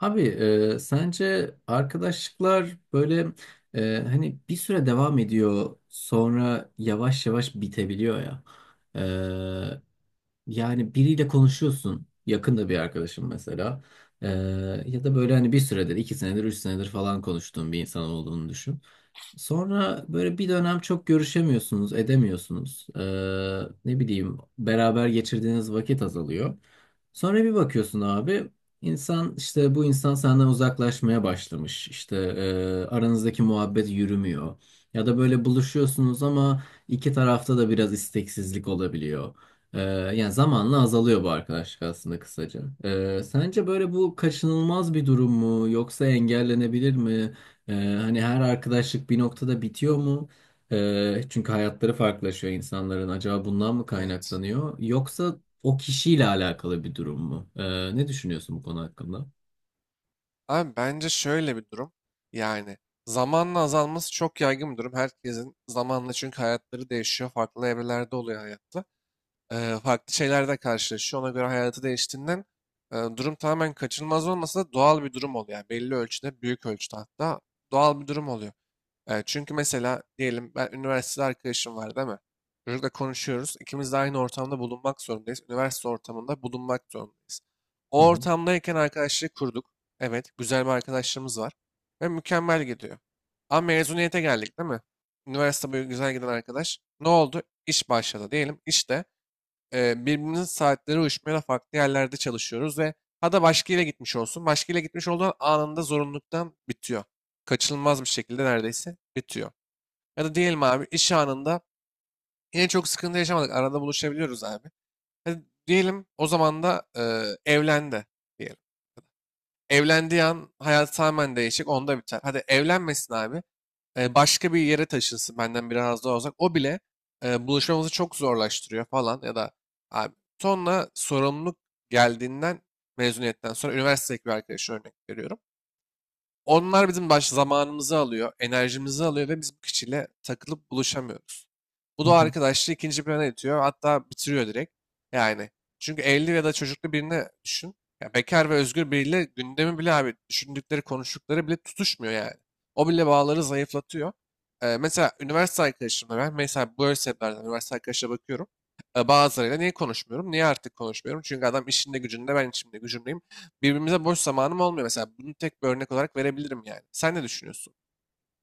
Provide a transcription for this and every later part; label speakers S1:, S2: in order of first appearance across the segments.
S1: Abi, sence arkadaşlıklar böyle hani bir süre devam ediyor, sonra yavaş yavaş bitebiliyor ya. E, Yani biriyle konuşuyorsun. Yakında bir arkadaşım mesela. Ee, Ya da böyle hani bir süredir, iki senedir, üç senedir falan konuştuğun bir insan olduğunu düşün. Sonra böyle bir dönem çok görüşemiyorsunuz, edemiyorsunuz. Ne bileyim, beraber geçirdiğiniz vakit azalıyor. Sonra bir bakıyorsun abi. İnsan işte bu insan senden uzaklaşmaya başlamış. İşte aranızdaki muhabbet yürümüyor. Ya da böyle buluşuyorsunuz ama iki tarafta da biraz isteksizlik olabiliyor. E, Yani zamanla azalıyor bu arkadaşlık aslında kısaca. Sence böyle bu kaçınılmaz bir durum mu, yoksa engellenebilir mi? E, Hani her arkadaşlık bir noktada bitiyor mu? Çünkü hayatları farklılaşıyor insanların. Acaba bundan mı
S2: Evet.
S1: kaynaklanıyor? Yoksa o kişiyle alakalı bir durum mu? Ne düşünüyorsun bu konu hakkında?
S2: Abi bence şöyle bir durum. Yani zamanla azalması çok yaygın bir durum. Herkesin zamanla çünkü hayatları değişiyor. Farklı evrelerde oluyor hayatta. Farklı şeylerle karşılaşıyor. Ona göre hayatı değiştiğinden durum tamamen kaçınılmaz olmasa da doğal bir durum oluyor. Yani belli ölçüde, büyük ölçüde hatta doğal bir durum oluyor. Çünkü mesela diyelim ben üniversitede arkadaşım var, değil mi? Çocukla konuşuyoruz. İkimiz de aynı ortamda bulunmak zorundayız. Üniversite ortamında bulunmak zorundayız.
S1: Hı
S2: O
S1: hı.
S2: ortamdayken arkadaşlığı kurduk. Evet, güzel bir arkadaşlığımız var ve mükemmel gidiyor. Ama mezuniyete geldik, değil mi? Üniversite boyu güzel giden arkadaş. Ne oldu? İş başladı diyelim. İşte birbirimizin saatleri uyuşmayan farklı yerlerde çalışıyoruz ve ha da başka yere gitmiş olsun. Başka yere gitmiş olduğun anında zorunluluktan bitiyor. Kaçınılmaz bir şekilde neredeyse bitiyor. Ya da diyelim abi iş anında yine çok sıkıntı yaşamadık. Arada buluşabiliyoruz abi. Hadi diyelim, o zaman da evlendi diyelim. Evlendiği an hayat tamamen değişik, onda biter. Hadi evlenmesin abi, başka bir yere taşınsın benden biraz daha uzak. O bile buluşmamızı çok zorlaştırıyor falan. Ya da abi, sonra sorumluluk geldiğinden mezuniyetten sonra üniversitedeki bir arkadaşı örnek veriyorum. Onlar bizim baş zamanımızı alıyor, enerjimizi alıyor ve biz bu kişiyle takılıp buluşamıyoruz. Bu
S1: Hı
S2: da o
S1: hı.
S2: arkadaşlığı ikinci plana itiyor, hatta bitiriyor direkt. Yani çünkü evli ya da çocuklu birini düşün. Ya bekar ve özgür biriyle gündemi bile abi, düşündükleri, konuştukları bile tutuşmuyor yani. O bile bağları zayıflatıyor. Mesela üniversite arkadaşımla ben, mesela böyle sebeplerden üniversite arkadaşa bakıyorum. Bazılarıyla niye konuşmuyorum? Niye artık konuşmuyorum? Çünkü adam işinde gücünde, ben işimde gücümdeyim. Birbirimize boş zamanım olmuyor mesela. Bunu tek bir örnek olarak verebilirim yani. Sen ne düşünüyorsun?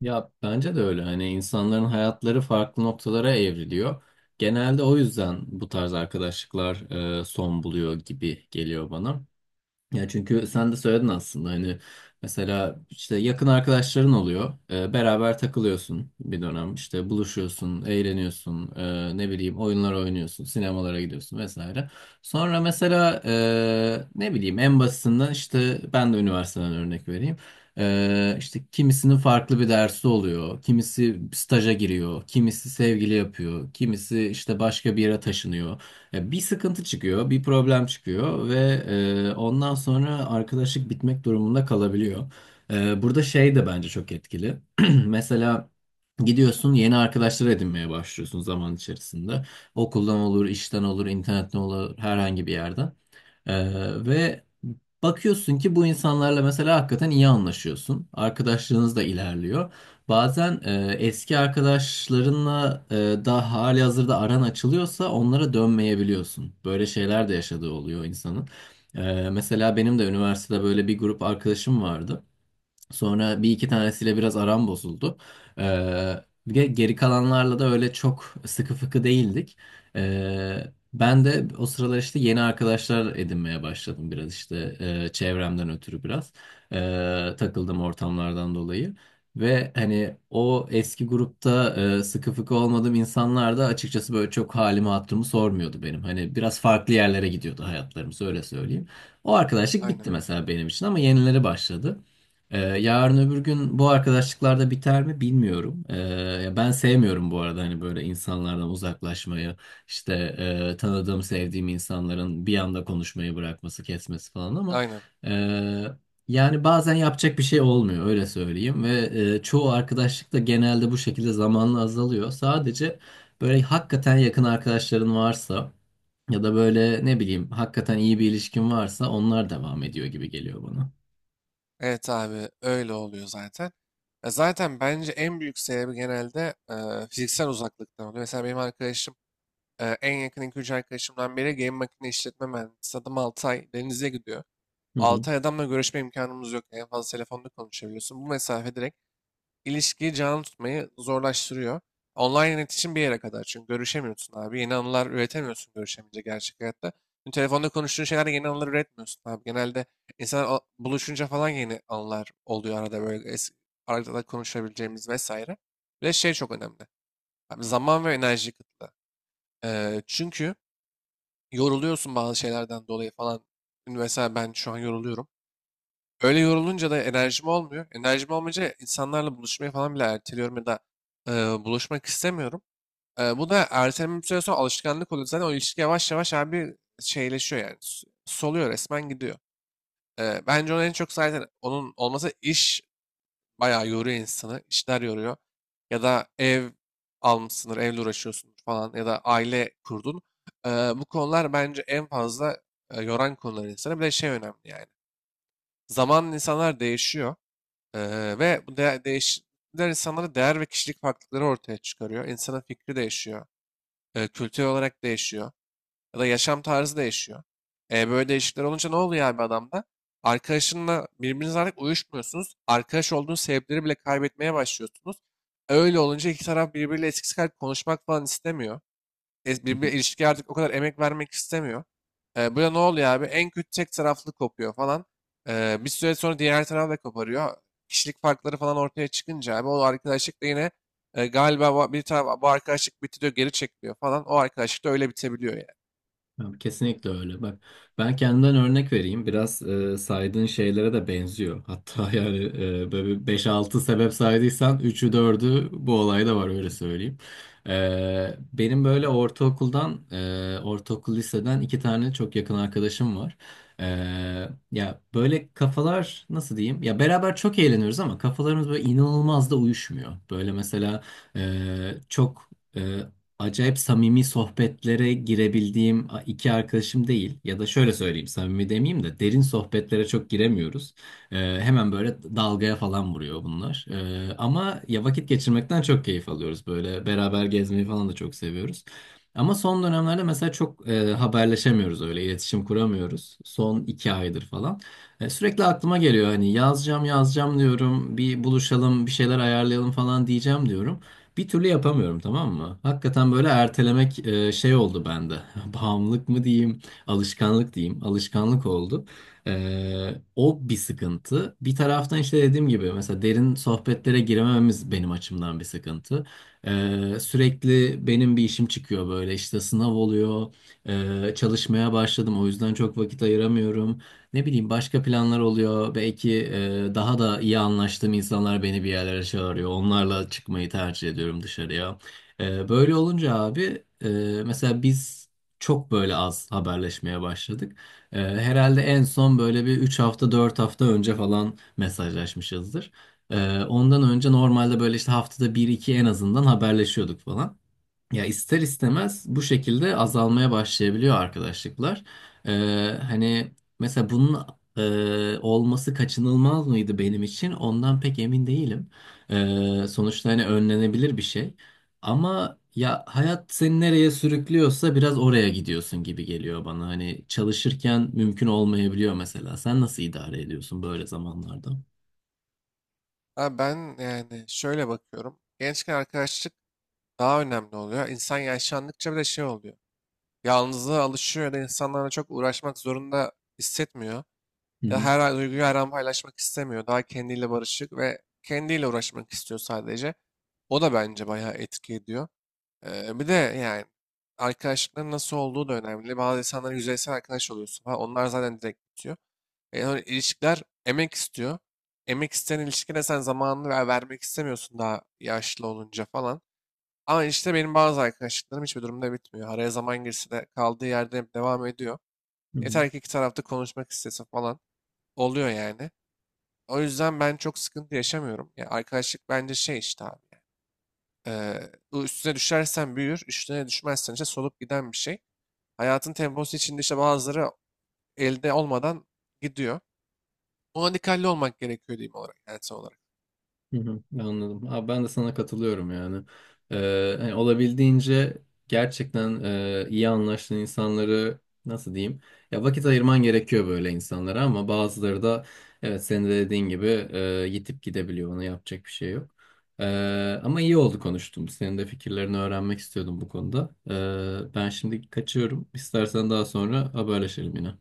S1: Ya bence de öyle. Hani insanların hayatları farklı noktalara evriliyor. Genelde o yüzden bu tarz arkadaşlıklar son buluyor gibi geliyor bana. Ya çünkü sen de söyledin aslında hani mesela işte yakın arkadaşların oluyor. Beraber takılıyorsun bir dönem. İşte buluşuyorsun, eğleniyorsun, ne bileyim, oyunlar oynuyorsun, sinemalara gidiyorsun vesaire. Sonra mesela ne bileyim, en basitinden işte ben de üniversiteden örnek vereyim. İşte kimisinin farklı bir dersi oluyor. Kimisi staja giriyor, kimisi sevgili yapıyor, kimisi işte başka bir yere taşınıyor. Ya bir sıkıntı çıkıyor, bir problem çıkıyor ve ondan sonra arkadaşlık bitmek durumunda kalabiliyor. Burada şey de bence çok etkili. Mesela gidiyorsun, yeni arkadaşlar edinmeye başlıyorsun zaman içerisinde. Okuldan olur, işten olur, internetten olur, herhangi bir yerden. Ee, Ve bakıyorsun ki bu insanlarla mesela hakikaten iyi anlaşıyorsun. Arkadaşlığınız da ilerliyor. Bazen eski arkadaşlarınla da hali hazırda aran açılıyorsa onlara dönmeyebiliyorsun. Böyle şeyler de yaşadığı oluyor insanın. Mesela benim de üniversitede böyle bir grup arkadaşım vardı. Sonra bir iki tanesiyle biraz aram bozuldu. Ee, Bir de geri kalanlarla da öyle çok sıkı fıkı değildik. Ee, Ben de o sıralar işte yeni arkadaşlar edinmeye başladım, biraz işte çevremden ötürü biraz takıldım ortamlardan dolayı. Ve hani o eski grupta sıkı fıkı olmadığım insanlar da açıkçası böyle çok halimi hatırımı sormuyordu benim. Hani biraz farklı yerlere gidiyordu hayatlarımız, öyle söyleyeyim. O arkadaşlık
S2: Aynen.
S1: bitti mesela benim için ama yenileri başladı. Yarın öbür gün bu arkadaşlıklarda biter mi bilmiyorum. Ya ben sevmiyorum bu arada hani böyle insanlardan uzaklaşmayı, işte tanıdığım, sevdiğim insanların bir anda konuşmayı bırakması, kesmesi falan ama
S2: Aynen.
S1: e, yani bazen yapacak bir şey olmuyor, öyle söyleyeyim ve çoğu arkadaşlık da genelde bu şekilde zamanla azalıyor. Sadece böyle hakikaten yakın arkadaşların varsa ya da böyle ne bileyim hakikaten iyi bir ilişkin varsa onlar devam ediyor gibi geliyor bana.
S2: Evet abi, öyle oluyor zaten. Ya zaten bence en büyük sebebi genelde fiziksel uzaklıktan oluyor. Mesela benim arkadaşım, en yakın 2-3 arkadaşımdan biri game makine işletme mühendisi. Adam 6 ay denize gidiyor.
S1: Hı
S2: 6 ay adamla görüşme imkanımız yok. En fazla telefonda konuşabiliyorsun. Bu mesafe direkt ilişkiyi canlı tutmayı zorlaştırıyor. Online iletişim bir yere kadar, çünkü görüşemiyorsun abi. Yeni anılar üretemiyorsun görüşemeyince, gerçek hayatta. Şimdi telefonda konuştuğun şeylerde yeni anılar üretmiyorsun abi. Genelde insanlar buluşunca falan yeni anılar oluyor, arada böyle arada da konuşabileceğimiz vesaire. Ve şey çok önemli. Abi, zaman ve enerji kıtlığı. Çünkü yoruluyorsun bazı şeylerden dolayı falan. Mesela ben şu an yoruluyorum. Öyle yorulunca da enerjim olmuyor. Enerjim olmayınca insanlarla buluşmayı falan bile erteliyorum, ya da e, buluşmak istemiyorum. Bu da erteleme bir süre sonra alışkanlık oluyor. Zaten o ilişki yavaş yavaş abi şeyleşiyor yani. Soluyor, resmen gidiyor. Bence onun en çok zaten onun olması, iş bayağı yoruyor insanı. İşler yoruyor. Ya da ev almışsındır, evle uğraşıyorsun falan, ya da aile kurdun. Bu konular bence en fazla yoran konular insanı. Bir de şey önemli yani. Zamanla insanlar değişiyor. Ve bu de insanlara değer ve kişilik farklılıkları ortaya çıkarıyor. İnsanın fikri değişiyor. Kültür olarak değişiyor. Ya da yaşam tarzı değişiyor. Böyle değişiklikler olunca ne oluyor abi adamda? Arkadaşınla birbirinizle artık uyuşmuyorsunuz. Arkadaş olduğunuz sebepleri bile kaybetmeye başlıyorsunuz. Öyle olunca iki taraf birbiriyle eskisi kadar konuşmak falan istemiyor,
S1: hı.
S2: birbirine, ilişkiye artık o kadar emek vermek istemiyor. Böyle ne oluyor abi? En kötü, tek taraflı kopuyor falan. Bir süre sonra diğer taraf da koparıyor. Kişilik farkları falan ortaya çıkınca abi, o arkadaşlık da yine galiba bir taraf bu arkadaşlık bitti diyor, geri çekiliyor falan. O arkadaşlık da öyle bitebiliyor yani.
S1: Ya, kesinlikle öyle. Bak, ben kendimden örnek vereyim. Biraz saydığın şeylere de benziyor. Hatta yani böyle 5-6 sebep saydıysan üçü dördü bu olayda var, öyle söyleyeyim. Benim böyle ortaokuldan, ortaokul liseden iki tane çok yakın arkadaşım var. E, Ya böyle kafalar, nasıl diyeyim? Ya beraber çok eğleniyoruz ama kafalarımız böyle inanılmaz da uyuşmuyor. Böyle mesela e, çok... e, acayip samimi sohbetlere girebildiğim iki arkadaşım değil. Ya da şöyle söyleyeyim, samimi demeyeyim de, derin sohbetlere çok giremiyoruz. Hemen böyle dalgaya falan vuruyor bunlar. Ama ya vakit geçirmekten çok keyif alıyoruz böyle. Beraber gezmeyi falan da çok seviyoruz. Ama son dönemlerde mesela çok haberleşemiyoruz, öyle iletişim kuramıyoruz. Son iki aydır falan. Sürekli aklıma geliyor, hani yazacağım yazacağım diyorum, bir buluşalım bir şeyler ayarlayalım falan diyeceğim diyorum. Bir türlü yapamıyorum, tamam mı? Hakikaten böyle ertelemek şey oldu bende. Bağımlılık mı diyeyim, alışkanlık diyeyim. Alışkanlık oldu. O bir sıkıntı. Bir taraftan işte dediğim gibi mesela derin sohbetlere giremememiz benim açımdan bir sıkıntı. Sürekli benim bir işim çıkıyor, böyle işte sınav oluyor. Çalışmaya başladım, o yüzden çok vakit ayıramıyorum. Ne bileyim, başka planlar oluyor. Belki daha da iyi anlaştığım insanlar beni bir yerlere çağırıyor. Onlarla çıkmayı tercih ediyorum dışarıya. Böyle olunca abi, mesela biz çok böyle az haberleşmeye başladık. Herhalde en son böyle bir 3 hafta 4 hafta önce falan mesajlaşmışızdır. Ondan önce normalde böyle işte haftada bir iki en azından haberleşiyorduk falan. Ya ister istemez bu şekilde azalmaya başlayabiliyor arkadaşlıklar. Hani mesela bunun olması kaçınılmaz mıydı benim için? Ondan pek emin değilim. Sonuçta hani önlenebilir bir şey. Ama ya hayat seni nereye sürüklüyorsa biraz oraya gidiyorsun gibi geliyor bana. Hani çalışırken mümkün olmayabiliyor mesela. Sen nasıl idare ediyorsun böyle zamanlarda?
S2: Abi ben yani şöyle bakıyorum. Gençken arkadaşlık daha önemli oluyor. İnsan yaşlandıkça bir de şey oluyor. Yalnızlığa alışıyor ya da insanlarla çok uğraşmak zorunda hissetmiyor.
S1: Hı
S2: Ya da
S1: hı.
S2: her an duyguyu, her an paylaşmak istemiyor. Daha kendiyle barışık ve kendiyle uğraşmak istiyor sadece. O da bence bayağı etki ediyor. Bir de yani arkadaşlıkların nasıl olduğu da önemli. Bazı insanların yüzeysel arkadaş oluyorsun falan. Onlar zaten direkt bitiyor. Yani öyle ilişkiler emek istiyor. Emek isteyen ilişkide sen zamanını ver, vermek istemiyorsun daha yaşlı olunca falan. Ama işte benim bazı arkadaşlıklarım hiçbir durumda bitmiyor. Araya zaman girse de kaldığı yerde hep devam ediyor.
S1: Hı hı.
S2: Yeter ki iki tarafta konuşmak istesin falan. Oluyor yani. O yüzden ben çok sıkıntı yaşamıyorum. Ya arkadaşlık bence şey işte abi. Bu, üstüne düşersen büyür, üstüne düşmezsen işte solup giden bir şey. Hayatın temposu içinde işte bazıları elde olmadan gidiyor. Ona dikkatli olmak gerekiyor diyeyim olarak, yani son olarak.
S1: Hı hı, anladım. Abi, ben de sana katılıyorum yani. Hani olabildiğince gerçekten iyi anlaştığın insanları, nasıl diyeyim? Ya vakit ayırman gerekiyor böyle insanlara, ama bazıları da evet, senin de dediğin gibi yitip gidebiliyor. Ona yapacak bir şey yok. Ee, Ama iyi oldu konuştum. Senin de fikirlerini öğrenmek istiyordum bu konuda. Ben şimdi kaçıyorum. İstersen daha sonra haberleşelim yine.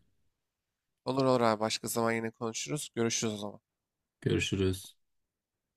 S2: Olur olur abi, başka zaman yine konuşuruz. Görüşürüz o zaman.
S1: Görüşürüz.